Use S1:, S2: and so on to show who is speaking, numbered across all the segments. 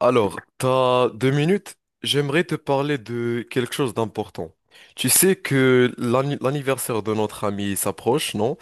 S1: Alors, t'as deux minutes. J'aimerais te parler de quelque chose d'important. Tu sais que l'anniversaire de notre ami s'approche, non?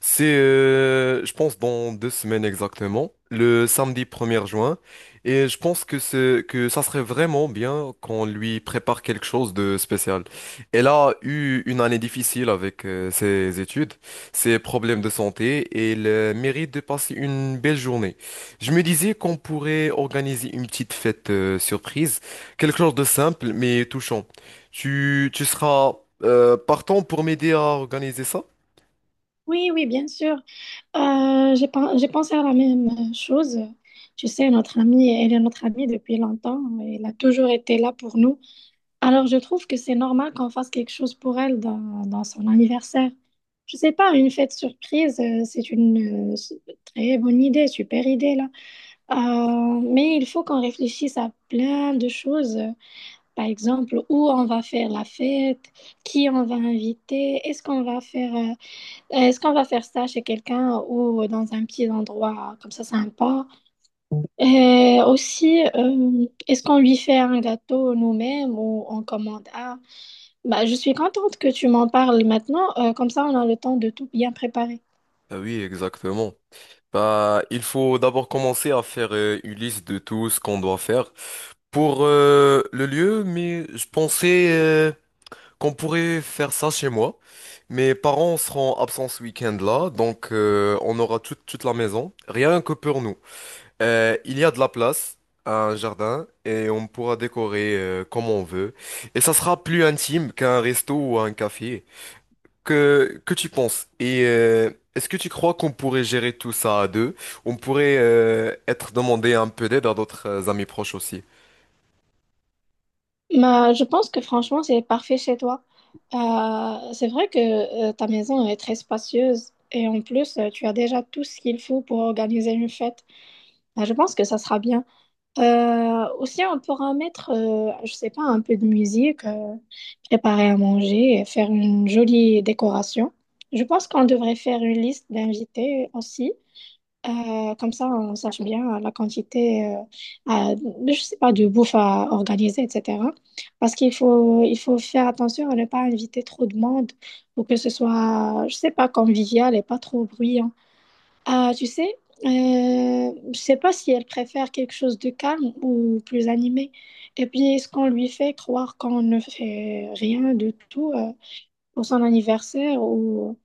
S1: C'est, je pense, dans deux semaines exactement, le samedi 1er juin. Et je pense que ça serait vraiment bien qu'on lui prépare quelque chose de spécial. Elle a eu une année difficile avec ses études, ses problèmes de santé, et elle mérite de passer une belle journée. Je me disais qu'on pourrait organiser une petite fête surprise, quelque chose de simple mais touchant. Tu seras partant pour m'aider à organiser ça?
S2: Oui, oui, bien sûr. J'ai pensé à la même chose. Tu sais, notre amie, elle est notre amie depuis longtemps. Elle a toujours été là pour nous. Alors, je trouve que c'est normal qu'on fasse quelque chose pour elle dans son anniversaire. Je sais pas, une fête surprise, c'est très bonne idée, super idée là. Mais il faut qu'on réfléchisse à plein de choses. Par exemple, où on va faire la fête, qui on va inviter, est-ce qu'on va faire ça chez quelqu'un ou dans un petit endroit comme ça sympa? Et aussi, est-ce qu'on lui fait un gâteau nous-mêmes ou on commande un? Bah, je suis contente que tu m'en parles maintenant, comme ça on a le temps de tout bien préparer.
S1: Ah oui, exactement. Bah, il faut d'abord commencer à faire une liste de tout ce qu'on doit faire pour le lieu, mais je pensais qu'on pourrait faire ça chez moi. Mes parents seront absents ce week-end là, donc on aura toute la maison, rien que pour nous. Il y a de la place, un jardin, et on pourra décorer comme on veut. Et ça sera plus intime qu'un resto ou un café. Que tu penses? Est-ce que tu crois qu'on pourrait gérer tout ça à deux? On pourrait être demandé un peu d'aide à d'autres amis proches aussi.
S2: Bah, je pense que franchement, c'est parfait chez toi. C'est vrai que ta maison est très spacieuse et en plus, tu as déjà tout ce qu'il faut pour organiser une fête. Bah, je pense que ça sera bien. Aussi, on pourra mettre, je sais pas, un peu de musique, préparer à manger et faire une jolie décoration. Je pense qu'on devrait faire une liste d'invités aussi. Comme ça, on sache bien la quantité, à- je sais pas, de bouffe à organiser, etc. Parce qu'il faut faire attention à ne pas inviter trop de monde pour que ce soit, je sais pas, convivial et pas trop bruyant. Ah, tu sais, je sais pas si elle préfère quelque chose de calme ou plus animé. Et puis, est-ce qu'on lui fait croire qu'on ne fait rien de tout pour son anniversaire ou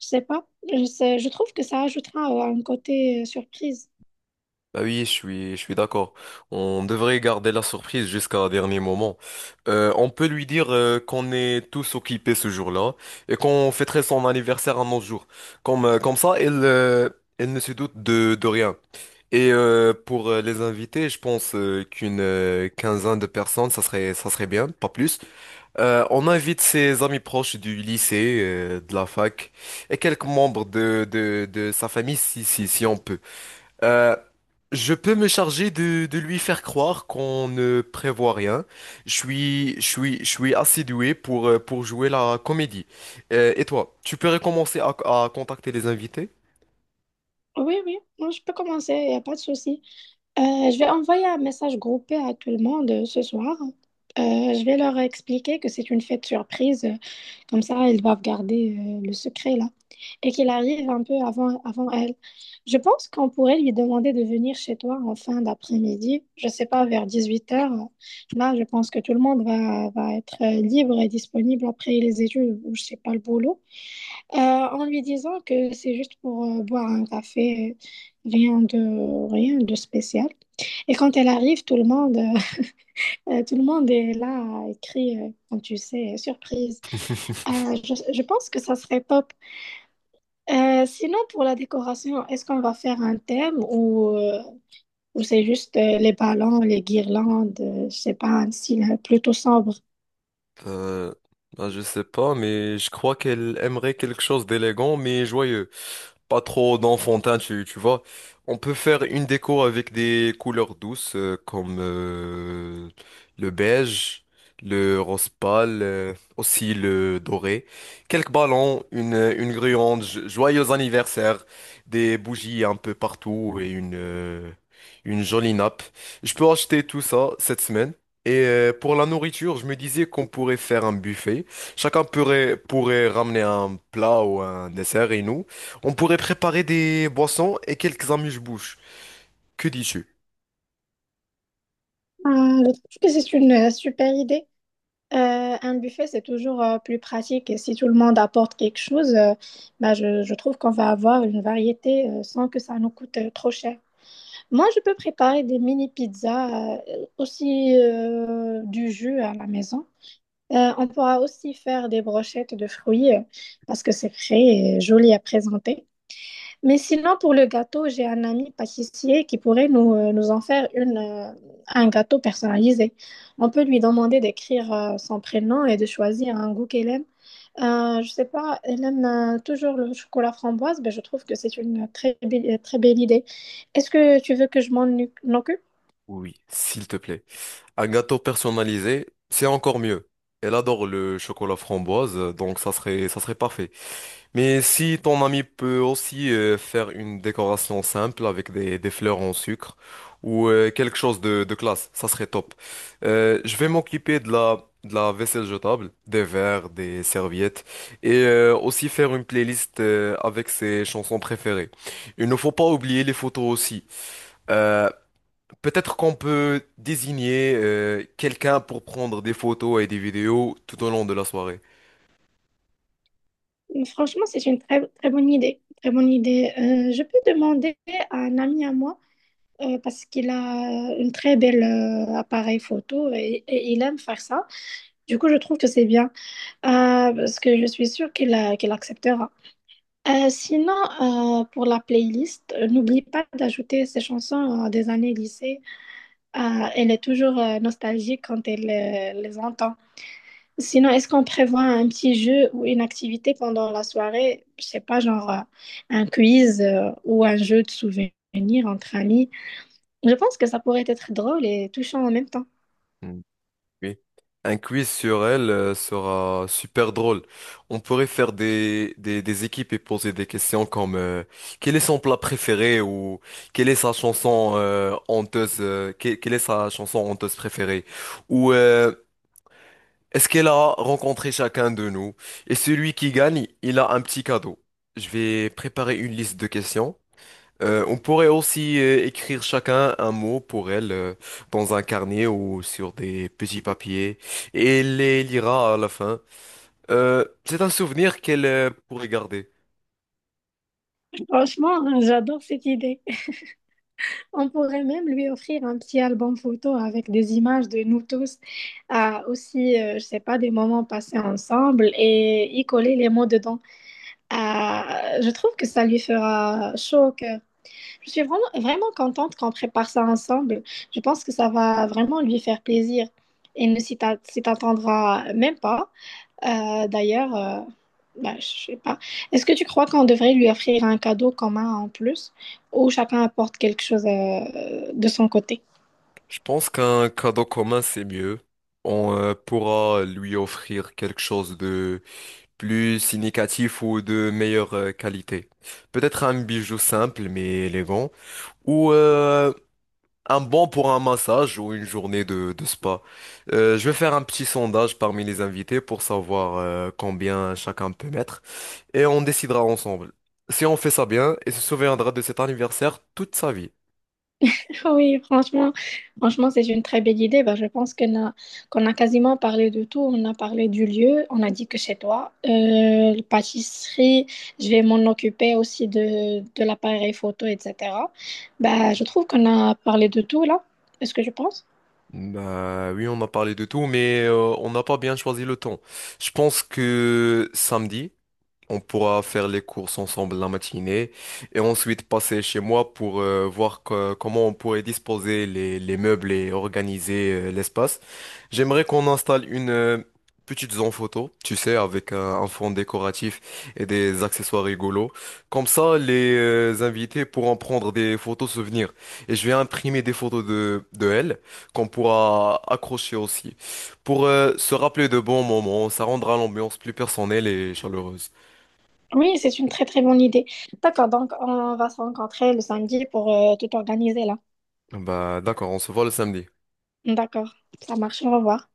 S2: je sais pas. Je sais, je trouve que ça ajoutera un côté surprise.
S1: Bah oui, je suis d'accord. On devrait garder la surprise jusqu'à un dernier moment. On peut lui dire qu'on est tous occupés ce jour-là et qu'on fêterait son anniversaire un autre jour. Comme ça, elle, elle ne se doute de rien. Pour les invités, je pense qu'une quinzaine de personnes, ça serait bien, pas plus. On invite ses amis proches du lycée, de la fac et quelques membres de sa famille si on peut. Euh, je peux me charger de lui faire croire qu'on ne prévoit rien. Je suis assez doué pour jouer la comédie. Et toi, tu peux recommencer à contacter les invités?
S2: Oui, oui, moi je peux commencer, il n'y a pas de souci. Euh, je vais envoyer un message groupé à tout le monde ce soir. Je vais leur expliquer que c'est une fête surprise, comme ça ils doivent garder le secret là. Et qu'il arrive un peu avant elle. Je pense qu'on pourrait lui demander de venir chez toi en fin d'après-midi, je sais pas, vers dix-huit heures. Là, je pense que tout le monde va être libre et disponible après les études ou je sais pas le boulot. En lui disant que c'est juste pour boire un café, rien de spécial. Et quand elle arrive, tout le monde, tout le monde est là, écrit, comme tu sais, surprise. Je pense que ça serait top. Sinon, pour la décoration, est-ce qu'on va faire un thème ou c'est juste les ballons, les guirlandes, je sais pas, un style plutôt sombre?
S1: Euh, ben, je sais pas, mais je crois qu'elle aimerait quelque chose d'élégant mais joyeux. Pas trop d'enfantin, tu vois. On peut faire une déco avec des couleurs douces comme le beige, le rose pâle, aussi le doré. Quelques ballons, une guirlande, joyeux anniversaire, des bougies un peu partout et une jolie nappe. Je peux acheter tout ça cette semaine. Et pour la nourriture, je me disais qu'on pourrait faire un buffet. Pourrait ramener un plat ou un dessert et nous, on pourrait préparer des boissons et quelques amuse-bouches. Que dis-tu?
S2: Je trouve que c'est une super idée. Un buffet, c'est toujours plus pratique et si tout le monde apporte quelque chose, bah, je trouve qu'on va avoir une variété sans que ça nous coûte trop cher. Moi, je peux préparer des mini pizzas, aussi du jus à la maison. On pourra aussi faire des brochettes de fruits parce que c'est frais et joli à présenter. Mais sinon, pour le gâteau, j'ai un ami pâtissier qui pourrait nous, nous en faire une, un gâteau personnalisé. On peut lui demander d'écrire son prénom et de choisir un goût qu'elle aime. Je sais pas, elle aime toujours le chocolat framboise, mais je trouve que c'est une très belle idée. Est-ce que tu veux que je m'en occupe?
S1: Oui, s'il te plaît. Un gâteau personnalisé, c'est encore mieux. Elle adore le chocolat framboise, donc ça serait parfait. Mais si ton ami peut aussi faire une décoration simple avec des fleurs en sucre ou quelque chose de classe, ça serait top. Je vais m'occuper de de la vaisselle jetable, des verres, des serviettes et aussi faire une playlist avec ses chansons préférées. Il ne faut pas oublier les photos aussi. Euh, Peut-être qu'on peut désigner quelqu'un pour prendre des photos et des vidéos tout au long de la soirée.
S2: Franchement, c'est une très, très bonne idée. Très bonne idée. Je peux demander à un ami à moi, parce qu'il a un très bel appareil photo et il aime faire ça. Du coup, je trouve que c'est bien, parce que je suis sûre qu'il acceptera. Sinon, pour la playlist, n'oublie pas d'ajouter ces chansons des années lycée. Elle est toujours nostalgique quand elle les entend. Sinon, est-ce qu'on prévoit un petit jeu ou une activité pendant la soirée? Je sais pas, genre un quiz ou un jeu de souvenirs entre amis. Je pense que ça pourrait être drôle et touchant en même temps.
S1: Mm. Oui. Un quiz sur elle sera super drôle. On pourrait faire des équipes et poser des questions comme quel est son plat préféré ou quelle est sa chanson quelle est sa chanson honteuse préférée ou est-ce qu'elle a rencontré chacun de nous? Et celui qui gagne, il a un petit cadeau. Je vais préparer une liste de questions. On pourrait aussi écrire chacun un mot pour elle dans un carnet ou sur des petits papiers et elle les lira à la fin. C'est un souvenir qu'elle pourrait garder.
S2: Franchement, j'adore cette idée. On pourrait même lui offrir un petit album photo avec des images de nous tous, aussi, je sais pas, des moments passés ensemble et y coller les mots dedans. Euh, je trouve que ça lui fera chaud au cœur. Je suis vraiment, vraiment contente qu'on prépare ça ensemble. Je pense que ça va vraiment lui faire plaisir. Et ne s'y t'attendra même pas. D'ailleurs, bah, je sais pas. Est-ce que tu crois qu'on devrait lui offrir un cadeau commun en plus ou chacun apporte quelque chose de son côté?
S1: Je pense qu'un cadeau commun, c'est mieux. On pourra lui offrir quelque chose de plus significatif ou de meilleure qualité. Peut-être un bijou simple mais élégant ou un bon pour un massage ou une journée de spa. Je vais faire un petit sondage parmi les invités pour savoir combien chacun peut mettre et on décidera ensemble. Si on fait ça bien, il se souviendra de cet anniversaire toute sa vie.
S2: Oui, franchement, c'est une très belle idée. Bah, je pense qu'on a quasiment parlé de tout. On a parlé du lieu, on a dit que chez toi, la pâtisserie, je vais m'en occuper aussi de l'appareil photo, etc. Bah, je trouve qu'on a parlé de tout là. Est-ce que je pense?
S1: Bah oui, on a parlé de tout, mais on n'a pas bien choisi le temps. Je pense que samedi. On pourra faire les courses ensemble la matinée et ensuite passer chez moi pour voir comment on pourrait disposer les meubles et organiser l'espace. J'aimerais qu'on installe une petite zone photo, tu sais, avec un fond décoratif et des accessoires rigolos. Comme ça, les invités pourront prendre des photos souvenirs. Et je vais imprimer des photos de elles qu'on pourra accrocher aussi. Pour se rappeler de bons moments, ça rendra l'ambiance plus personnelle et chaleureuse.
S2: Oui, c'est une très très bonne idée. D'accord, donc on va se rencontrer le samedi pour tout organiser là.
S1: Bah d'accord, on se voit le samedi.
S2: D'accord, ça marche, au revoir.